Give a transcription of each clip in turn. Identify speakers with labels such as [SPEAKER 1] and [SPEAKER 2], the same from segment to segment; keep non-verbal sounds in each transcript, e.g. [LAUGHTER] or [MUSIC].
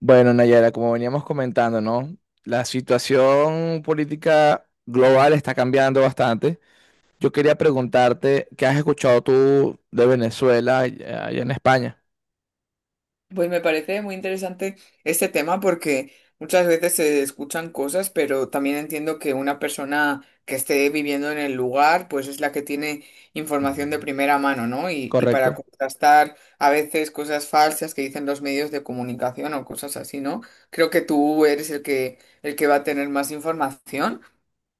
[SPEAKER 1] Bueno, Nayara, como veníamos comentando, ¿no? La situación política global está cambiando bastante. Yo quería preguntarte, ¿qué has escuchado tú de Venezuela allá en España?
[SPEAKER 2] Pues me parece muy interesante este tema porque muchas veces se escuchan cosas, pero también entiendo que una persona que esté viviendo en el lugar, pues es la que tiene información de primera mano, ¿no? Y
[SPEAKER 1] ¿Correcto?
[SPEAKER 2] para contrastar a veces cosas falsas que dicen los medios de comunicación o cosas así, ¿no? Creo que tú eres el que va a tener más información.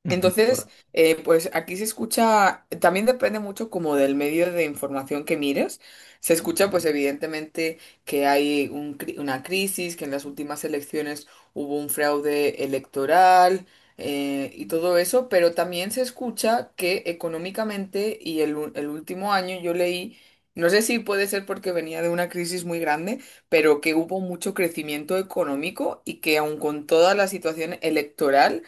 [SPEAKER 1] Ujú.
[SPEAKER 2] Entonces, pues aquí se escucha, también depende mucho como del medio de información que mires. Se escucha pues evidentemente que hay una crisis, que en las últimas elecciones hubo un fraude electoral y todo eso, pero también se escucha que económicamente y el último año yo leí, no sé si puede ser porque venía de una crisis muy grande, pero que hubo mucho crecimiento económico y que aun con toda la situación electoral,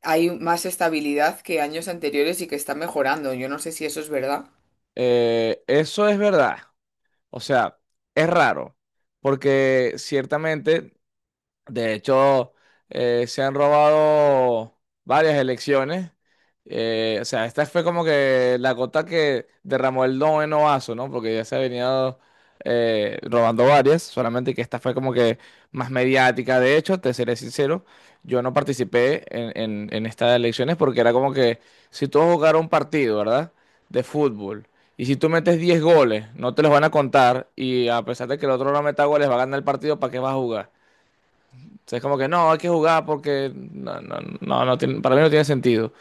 [SPEAKER 2] hay más estabilidad que años anteriores y que está mejorando. Yo no sé si eso es verdad.
[SPEAKER 1] Eso es verdad. O sea, es raro, porque ciertamente. De hecho, se han robado varias elecciones. O sea, esta fue como que la gota que derramó el noveno vaso, ¿no? Porque ya se ha venido robando varias, solamente que esta fue como que más mediática. De hecho, te seré sincero, yo no participé en estas elecciones porque era como que si tú vas a jugar un partido, ¿verdad? De fútbol. Y si tú metes 10 goles, no te los van a contar. Y a pesar de que el otro no meta goles, va a ganar el partido, ¿para qué vas a jugar? O sea, es como que no, hay que jugar porque no, no, no, para mí no tiene sentido.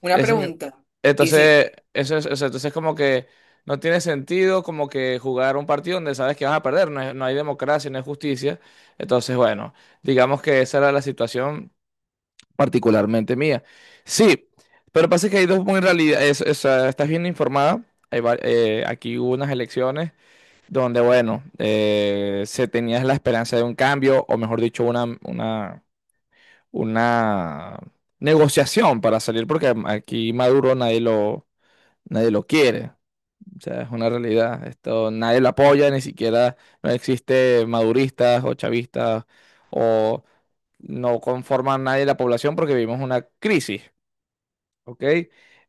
[SPEAKER 2] Una
[SPEAKER 1] Ese me-
[SPEAKER 2] pregunta. Y si,
[SPEAKER 1] entonces, eso es, o sea, entonces es como que no tiene sentido como que jugar un partido donde sabes que vas a perder, no, no hay democracia, no hay justicia. Entonces, bueno, digamos que esa era la situación particularmente mía. Sí, pero pasa que hay dos muy realidad, estás bien informada. Aquí hubo unas elecciones donde, bueno, se tenía la esperanza de un cambio, o mejor dicho, una negociación para salir, porque aquí Maduro nadie lo quiere. O sea, es una realidad. Esto nadie lo apoya, ni siquiera no existe maduristas o chavistas o no conforman nadie la población porque vivimos una crisis, ¿ok?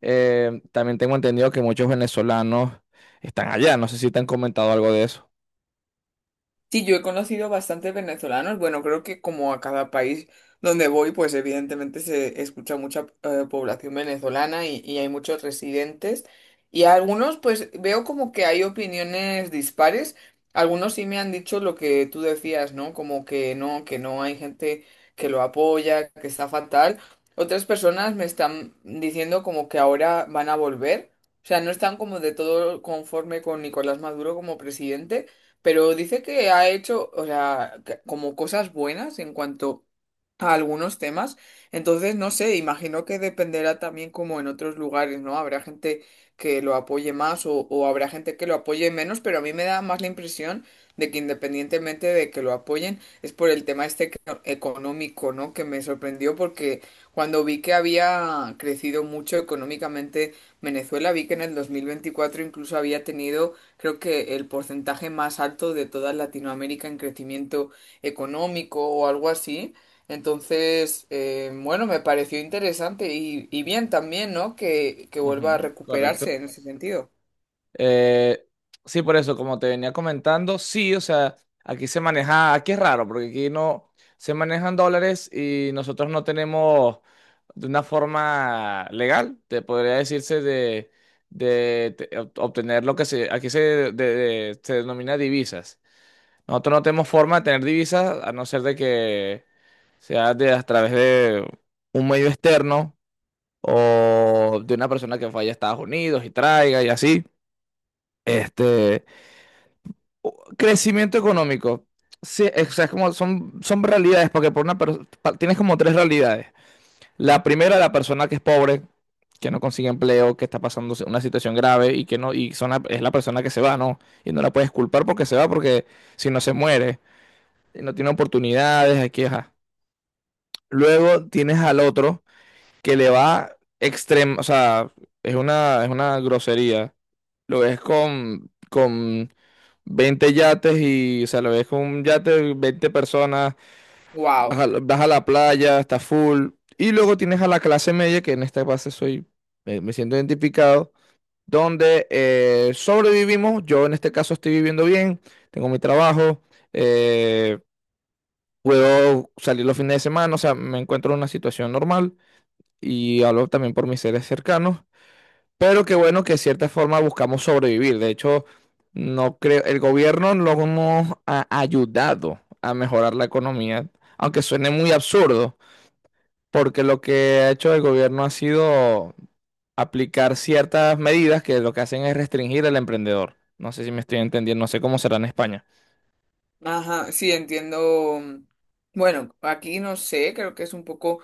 [SPEAKER 1] También tengo entendido que muchos venezolanos están allá. No sé si te han comentado algo de eso.
[SPEAKER 2] sí, yo he conocido bastantes venezolanos. Bueno, creo que como a cada país donde voy, pues evidentemente se escucha mucha población venezolana y hay muchos residentes. Y a algunos, pues veo como que hay opiniones dispares. Algunos sí me han dicho lo que tú decías, ¿no? Como que no hay gente que lo apoya, que está fatal. Otras personas me están diciendo como que ahora van a volver. O sea, no están como de todo conforme con Nicolás Maduro como presidente, pero dice que ha hecho, o sea, que como cosas buenas en cuanto a algunos temas. Entonces, no sé, imagino que dependerá también como en otros lugares, ¿no? Habrá gente que lo apoye más o habrá gente que lo apoye menos, pero a mí me da más la impresión de que independientemente de que lo apoyen, es por el tema este que económico, ¿no? Que me sorprendió porque cuando vi que había crecido mucho económicamente Venezuela, vi que en el 2024 incluso había tenido. Creo que el porcentaje más alto de toda Latinoamérica en crecimiento económico o algo así. Entonces, bueno, me pareció interesante y bien también, ¿no? Que vuelva a
[SPEAKER 1] Ujú.
[SPEAKER 2] recuperarse
[SPEAKER 1] Correcto.
[SPEAKER 2] en ese sentido.
[SPEAKER 1] Eh, sí, por eso, como te venía comentando, sí, o sea, aquí se maneja, aquí es raro, porque aquí no se manejan dólares y nosotros no tenemos de una forma legal, te podría decirse de, obtener lo que se, aquí se, se denomina divisas. Nosotros no tenemos forma de tener divisas a no ser de que sea de, a través de un medio externo o de una persona que vaya a Estados Unidos y traiga y así. Este, crecimiento económico. Sí, es, o sea, es como son, son realidades, porque por una tienes como tres realidades. La primera, la persona que es pobre, que no consigue empleo, que está pasando una situación grave y que no, y es la persona que se va, ¿no? Y no la puedes culpar porque se va, porque si no se muere, no tiene oportunidades, aquí, ajá. Luego tienes al otro que le va extremo, o sea, es una grosería. Lo ves con 20 yates y, o sea, lo ves con un yate, 20 personas, vas
[SPEAKER 2] ¡Wow!
[SPEAKER 1] a, vas a la playa, está full. Y luego tienes a la clase media, que en esta base soy, me siento identificado, donde sobrevivimos. Yo en este caso estoy viviendo bien, tengo mi trabajo, eh, puedo salir los fines de semana, o sea, me encuentro en una situación normal y hablo también por mis seres cercanos. Pero qué bueno que de cierta forma buscamos sobrevivir. De hecho, no creo, el gobierno no nos ha ayudado a mejorar la economía, aunque suene muy absurdo, porque lo que ha hecho el gobierno ha sido aplicar ciertas medidas que lo que hacen es restringir al emprendedor. No sé si me estoy entendiendo, no sé cómo será en España.
[SPEAKER 2] Ajá, sí, entiendo. Bueno, aquí no sé, creo que es un poco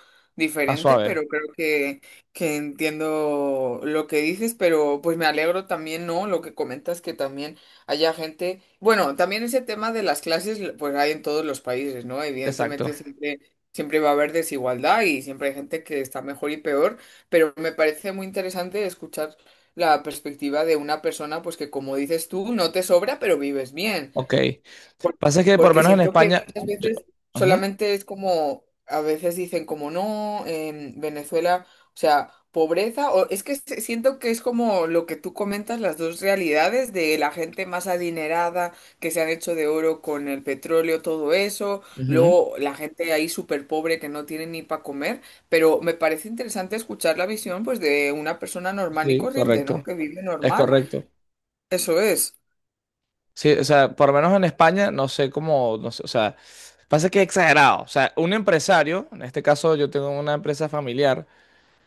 [SPEAKER 1] Más
[SPEAKER 2] diferente,
[SPEAKER 1] suave,
[SPEAKER 2] pero creo que entiendo lo que dices, pero pues me alegro también, ¿no? Lo que comentas que también haya gente, bueno, también ese tema de las clases, pues hay en todos los países, ¿no?
[SPEAKER 1] exacto.
[SPEAKER 2] Evidentemente siempre, siempre va a haber desigualdad y siempre hay gente que está mejor y peor, pero me parece muy interesante escuchar la perspectiva de una persona, pues que como dices tú, no te sobra, pero vives bien.
[SPEAKER 1] Ok.
[SPEAKER 2] Por-
[SPEAKER 1] Pasa que por lo
[SPEAKER 2] porque
[SPEAKER 1] menos en
[SPEAKER 2] siento que
[SPEAKER 1] España.
[SPEAKER 2] muchas
[SPEAKER 1] Yo.
[SPEAKER 2] veces
[SPEAKER 1] Ujú,
[SPEAKER 2] solamente es como, a veces dicen como no, en Venezuela, o sea, pobreza, o es que se- siento que es como lo que tú comentas, las dos realidades de la gente más adinerada que se han hecho de oro con el petróleo, todo eso,
[SPEAKER 1] ujú.
[SPEAKER 2] luego la gente ahí súper pobre que no tiene ni para comer, pero me parece interesante escuchar la visión pues de una persona normal y
[SPEAKER 1] Sí,
[SPEAKER 2] corriente, ¿no?
[SPEAKER 1] correcto.
[SPEAKER 2] Que vive
[SPEAKER 1] Es
[SPEAKER 2] normal,
[SPEAKER 1] correcto.
[SPEAKER 2] eso es.
[SPEAKER 1] Sí, o sea, por lo menos en España, no sé cómo, no sé, o sea, pasa que es exagerado. O sea, un empresario, en este caso yo tengo una empresa familiar,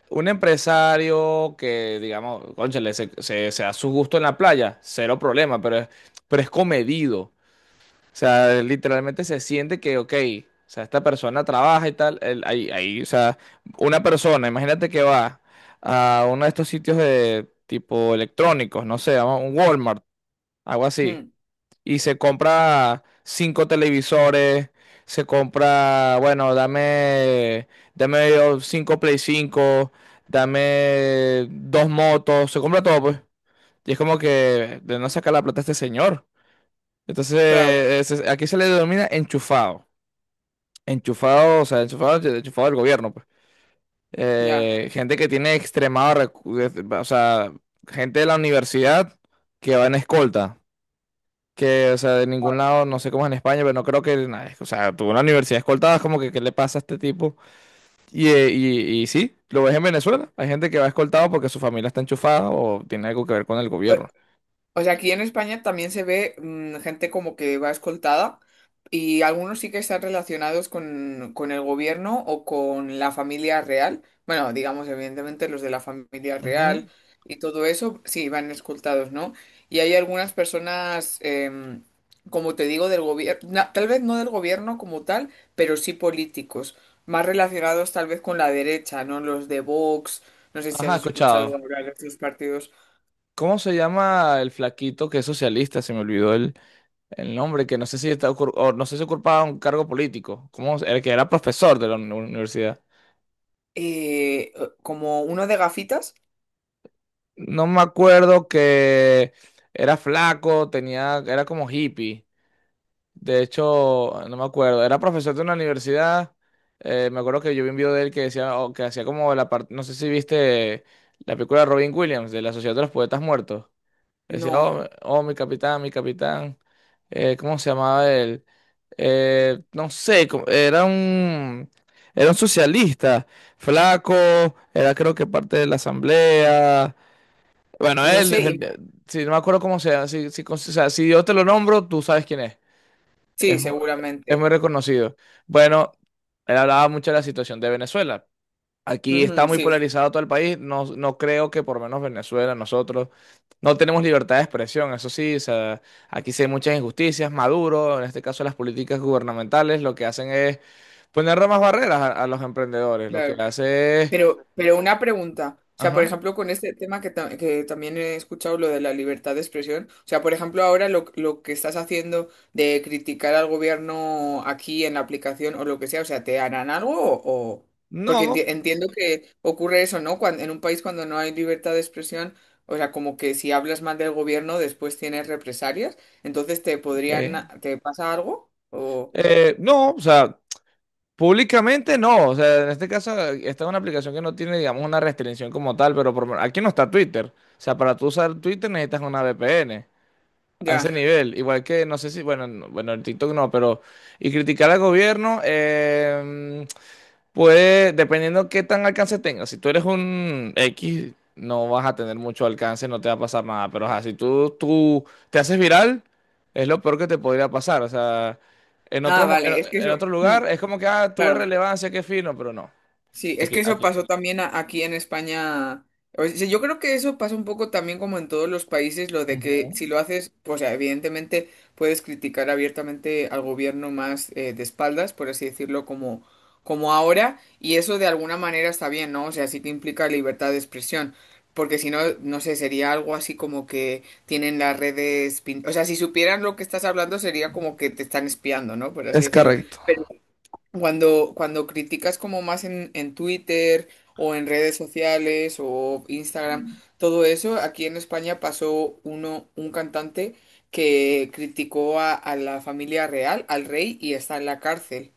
[SPEAKER 1] un empresario que, digamos, cónchale, se da su gusto en la playa, cero problema, pero es comedido. O sea, literalmente se siente que, ok, o sea, esta persona trabaja y tal, o sea, una persona, imagínate que va a uno de estos sitios de tipo electrónicos, no sé, a un Walmart, algo así
[SPEAKER 2] Mm,
[SPEAKER 1] y se compra cinco televisores, se compra, bueno, dame, dame yo cinco Play 5 dame dos motos, se compra todo, pues. Y es como que de no sacar la plata a este señor.
[SPEAKER 2] claro,
[SPEAKER 1] Entonces, aquí se le denomina enchufado. Enchufado, o sea, enchufado del gobierno, pues.
[SPEAKER 2] ya.
[SPEAKER 1] Gente que tiene extremado, o sea, gente de la universidad que va en escolta. Que, o sea, de ningún lado, no sé cómo es en España, pero no creo que, o sea, tuvo una universidad escoltada, es como que, ¿qué le pasa a este tipo? Y sí, lo ves en Venezuela, hay gente que va escoltado porque su familia está enchufada o tiene algo que ver con el
[SPEAKER 2] Wow.
[SPEAKER 1] gobierno.
[SPEAKER 2] O sea, aquí en España también se ve gente como que va escoltada y algunos sí que están relacionados con el gobierno o con la familia real. Bueno, digamos, evidentemente los de la familia
[SPEAKER 1] Ujú.
[SPEAKER 2] real y todo eso, sí, van escoltados, ¿no? Y hay algunas personas, como te digo, del gobierno, tal vez no del gobierno como tal, pero sí políticos, más relacionados tal vez con la derecha, ¿no? Los de Vox, no sé si has
[SPEAKER 1] Ajá,
[SPEAKER 2] escuchado
[SPEAKER 1] escuchado.
[SPEAKER 2] hablar de estos partidos.
[SPEAKER 1] ¿Cómo se llama el flaquito que es socialista? Se me olvidó el nombre, que no sé si está o no sé si ocupaba un cargo político. ¿Cómo? El que era profesor de la universidad.
[SPEAKER 2] Como uno de gafitas,
[SPEAKER 1] No me acuerdo que era flaco, tenía, era como hippie. De hecho, no me acuerdo, era profesor de una universidad. Me acuerdo que yo vi un video de él que decía, o que hacía como la parte, no sé si viste la película de Robin Williams, de la Sociedad de los Poetas Muertos. Decía,
[SPEAKER 2] no,
[SPEAKER 1] oh, oh, mi capitán, mi capitán. ¿Cómo se llamaba él? No sé, era un socialista, flaco, era creo que parte de la asamblea. Bueno,
[SPEAKER 2] no
[SPEAKER 1] él
[SPEAKER 2] sé. Y-
[SPEAKER 1] defendía, si no me acuerdo cómo sea, o sea, si yo te lo nombro, tú sabes quién es.
[SPEAKER 2] sí,
[SPEAKER 1] Es, mu- es
[SPEAKER 2] seguramente.
[SPEAKER 1] muy reconocido. Bueno, él hablaba mucho de la situación de Venezuela. Aquí está
[SPEAKER 2] Ujú,
[SPEAKER 1] muy
[SPEAKER 2] sí,
[SPEAKER 1] polarizado todo el país. No, no creo que por lo menos Venezuela, nosotros, no tenemos libertad de expresión. Eso sí, o sea, aquí sí hay muchas injusticias. Maduro, en este caso las políticas gubernamentales, lo que hacen es poner más barreras a los emprendedores. Lo que
[SPEAKER 2] claro.
[SPEAKER 1] hace es...
[SPEAKER 2] Pero una pregunta, o sea, por
[SPEAKER 1] Ajá.
[SPEAKER 2] ejemplo, con este tema que, ta- que también he escuchado, lo de la libertad de expresión, o sea, por ejemplo, ahora lo que estás haciendo de criticar al gobierno aquí en la aplicación o lo que sea, o sea, ¿te harán algo o...? O- porque
[SPEAKER 1] No,
[SPEAKER 2] enti- entiendo que ocurre eso, ¿no? Cuando, en un país cuando no hay libertad de expresión, o sea, como que si hablas mal del gobierno después tienes represalias, entonces te
[SPEAKER 1] ok.
[SPEAKER 2] podrían... ¿Te pasa algo? O...
[SPEAKER 1] Eh, no, o sea, públicamente no, o sea, en este caso, esta es una aplicación que no tiene, digamos, una restricción como tal, pero por lo menos- aquí no está Twitter. O sea, para tú usar Twitter necesitas una VPN a ese
[SPEAKER 2] Ya.
[SPEAKER 1] nivel. Igual que, no sé si, bueno, bueno, el TikTok no, pero. Y criticar al gobierno, puede, dependiendo qué tan alcance tengas. Si tú eres un X, no vas a tener mucho alcance, no te va a pasar nada. Pero ajá, si tú te haces viral, es lo peor que te podría pasar. O sea, en otro,
[SPEAKER 2] Ah,
[SPEAKER 1] mo- en,
[SPEAKER 2] vale, es que
[SPEAKER 1] en
[SPEAKER 2] eso...
[SPEAKER 1] otro lugar es como que, ah, tuve
[SPEAKER 2] claro.
[SPEAKER 1] relevancia, qué fino, pero no.
[SPEAKER 2] Sí, es
[SPEAKER 1] Aquí,
[SPEAKER 2] que eso
[SPEAKER 1] aquí.
[SPEAKER 2] pasó también a- aquí en España. O sea, yo creo que eso pasa un poco también como en todos los países, lo de
[SPEAKER 1] Ujú.
[SPEAKER 2] que si lo haces, pues o sea, evidentemente puedes criticar abiertamente al gobierno más de espaldas, por así decirlo, como, como ahora, y eso de alguna manera está bien, ¿no? O sea, sí que implica libertad de expresión, porque si no, no sé, sería algo así como que tienen las redes, pin- o sea, si supieran lo que estás hablando sería como que te están espiando, ¿no? Por así
[SPEAKER 1] Es
[SPEAKER 2] decirlo.
[SPEAKER 1] correcto.
[SPEAKER 2] Cuando, cuando criticas como más en Twitter o en redes sociales o Instagram, todo eso, aquí en España pasó uno, un cantante que criticó a la familia real, al rey, y está en la cárcel.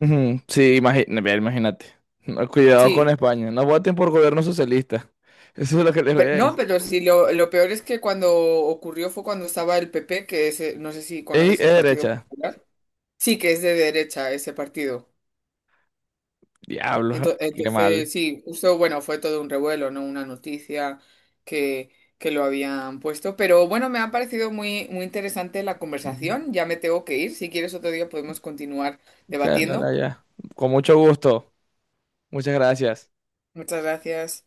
[SPEAKER 1] Ujú, sí, mira, imagínate. No, cuidado con
[SPEAKER 2] Sí,
[SPEAKER 1] España. No voten por gobierno socialista. [LAUGHS] Eso es lo que les voy a
[SPEAKER 2] pero no,
[SPEAKER 1] decir.
[SPEAKER 2] pero sí, lo peor es que cuando ocurrió fue cuando estaba el PP, que es, no sé si
[SPEAKER 1] Ey, es
[SPEAKER 2] conoces el Partido
[SPEAKER 1] derecha.
[SPEAKER 2] Popular. Sí, que es de derecha ese partido.
[SPEAKER 1] Diablo,
[SPEAKER 2] Ento-
[SPEAKER 1] qué mal.
[SPEAKER 2] entonces, sí, justo, bueno, fue todo un revuelo, ¿no? Una noticia que, que lo habían puesto. Pero bueno, me ha parecido muy, muy interesante la conversación. Ya me tengo que ir. Si quieres otro día podemos continuar debatiendo.
[SPEAKER 1] Carla, ya. Con mucho gusto. Muchas gracias.
[SPEAKER 2] Muchas gracias.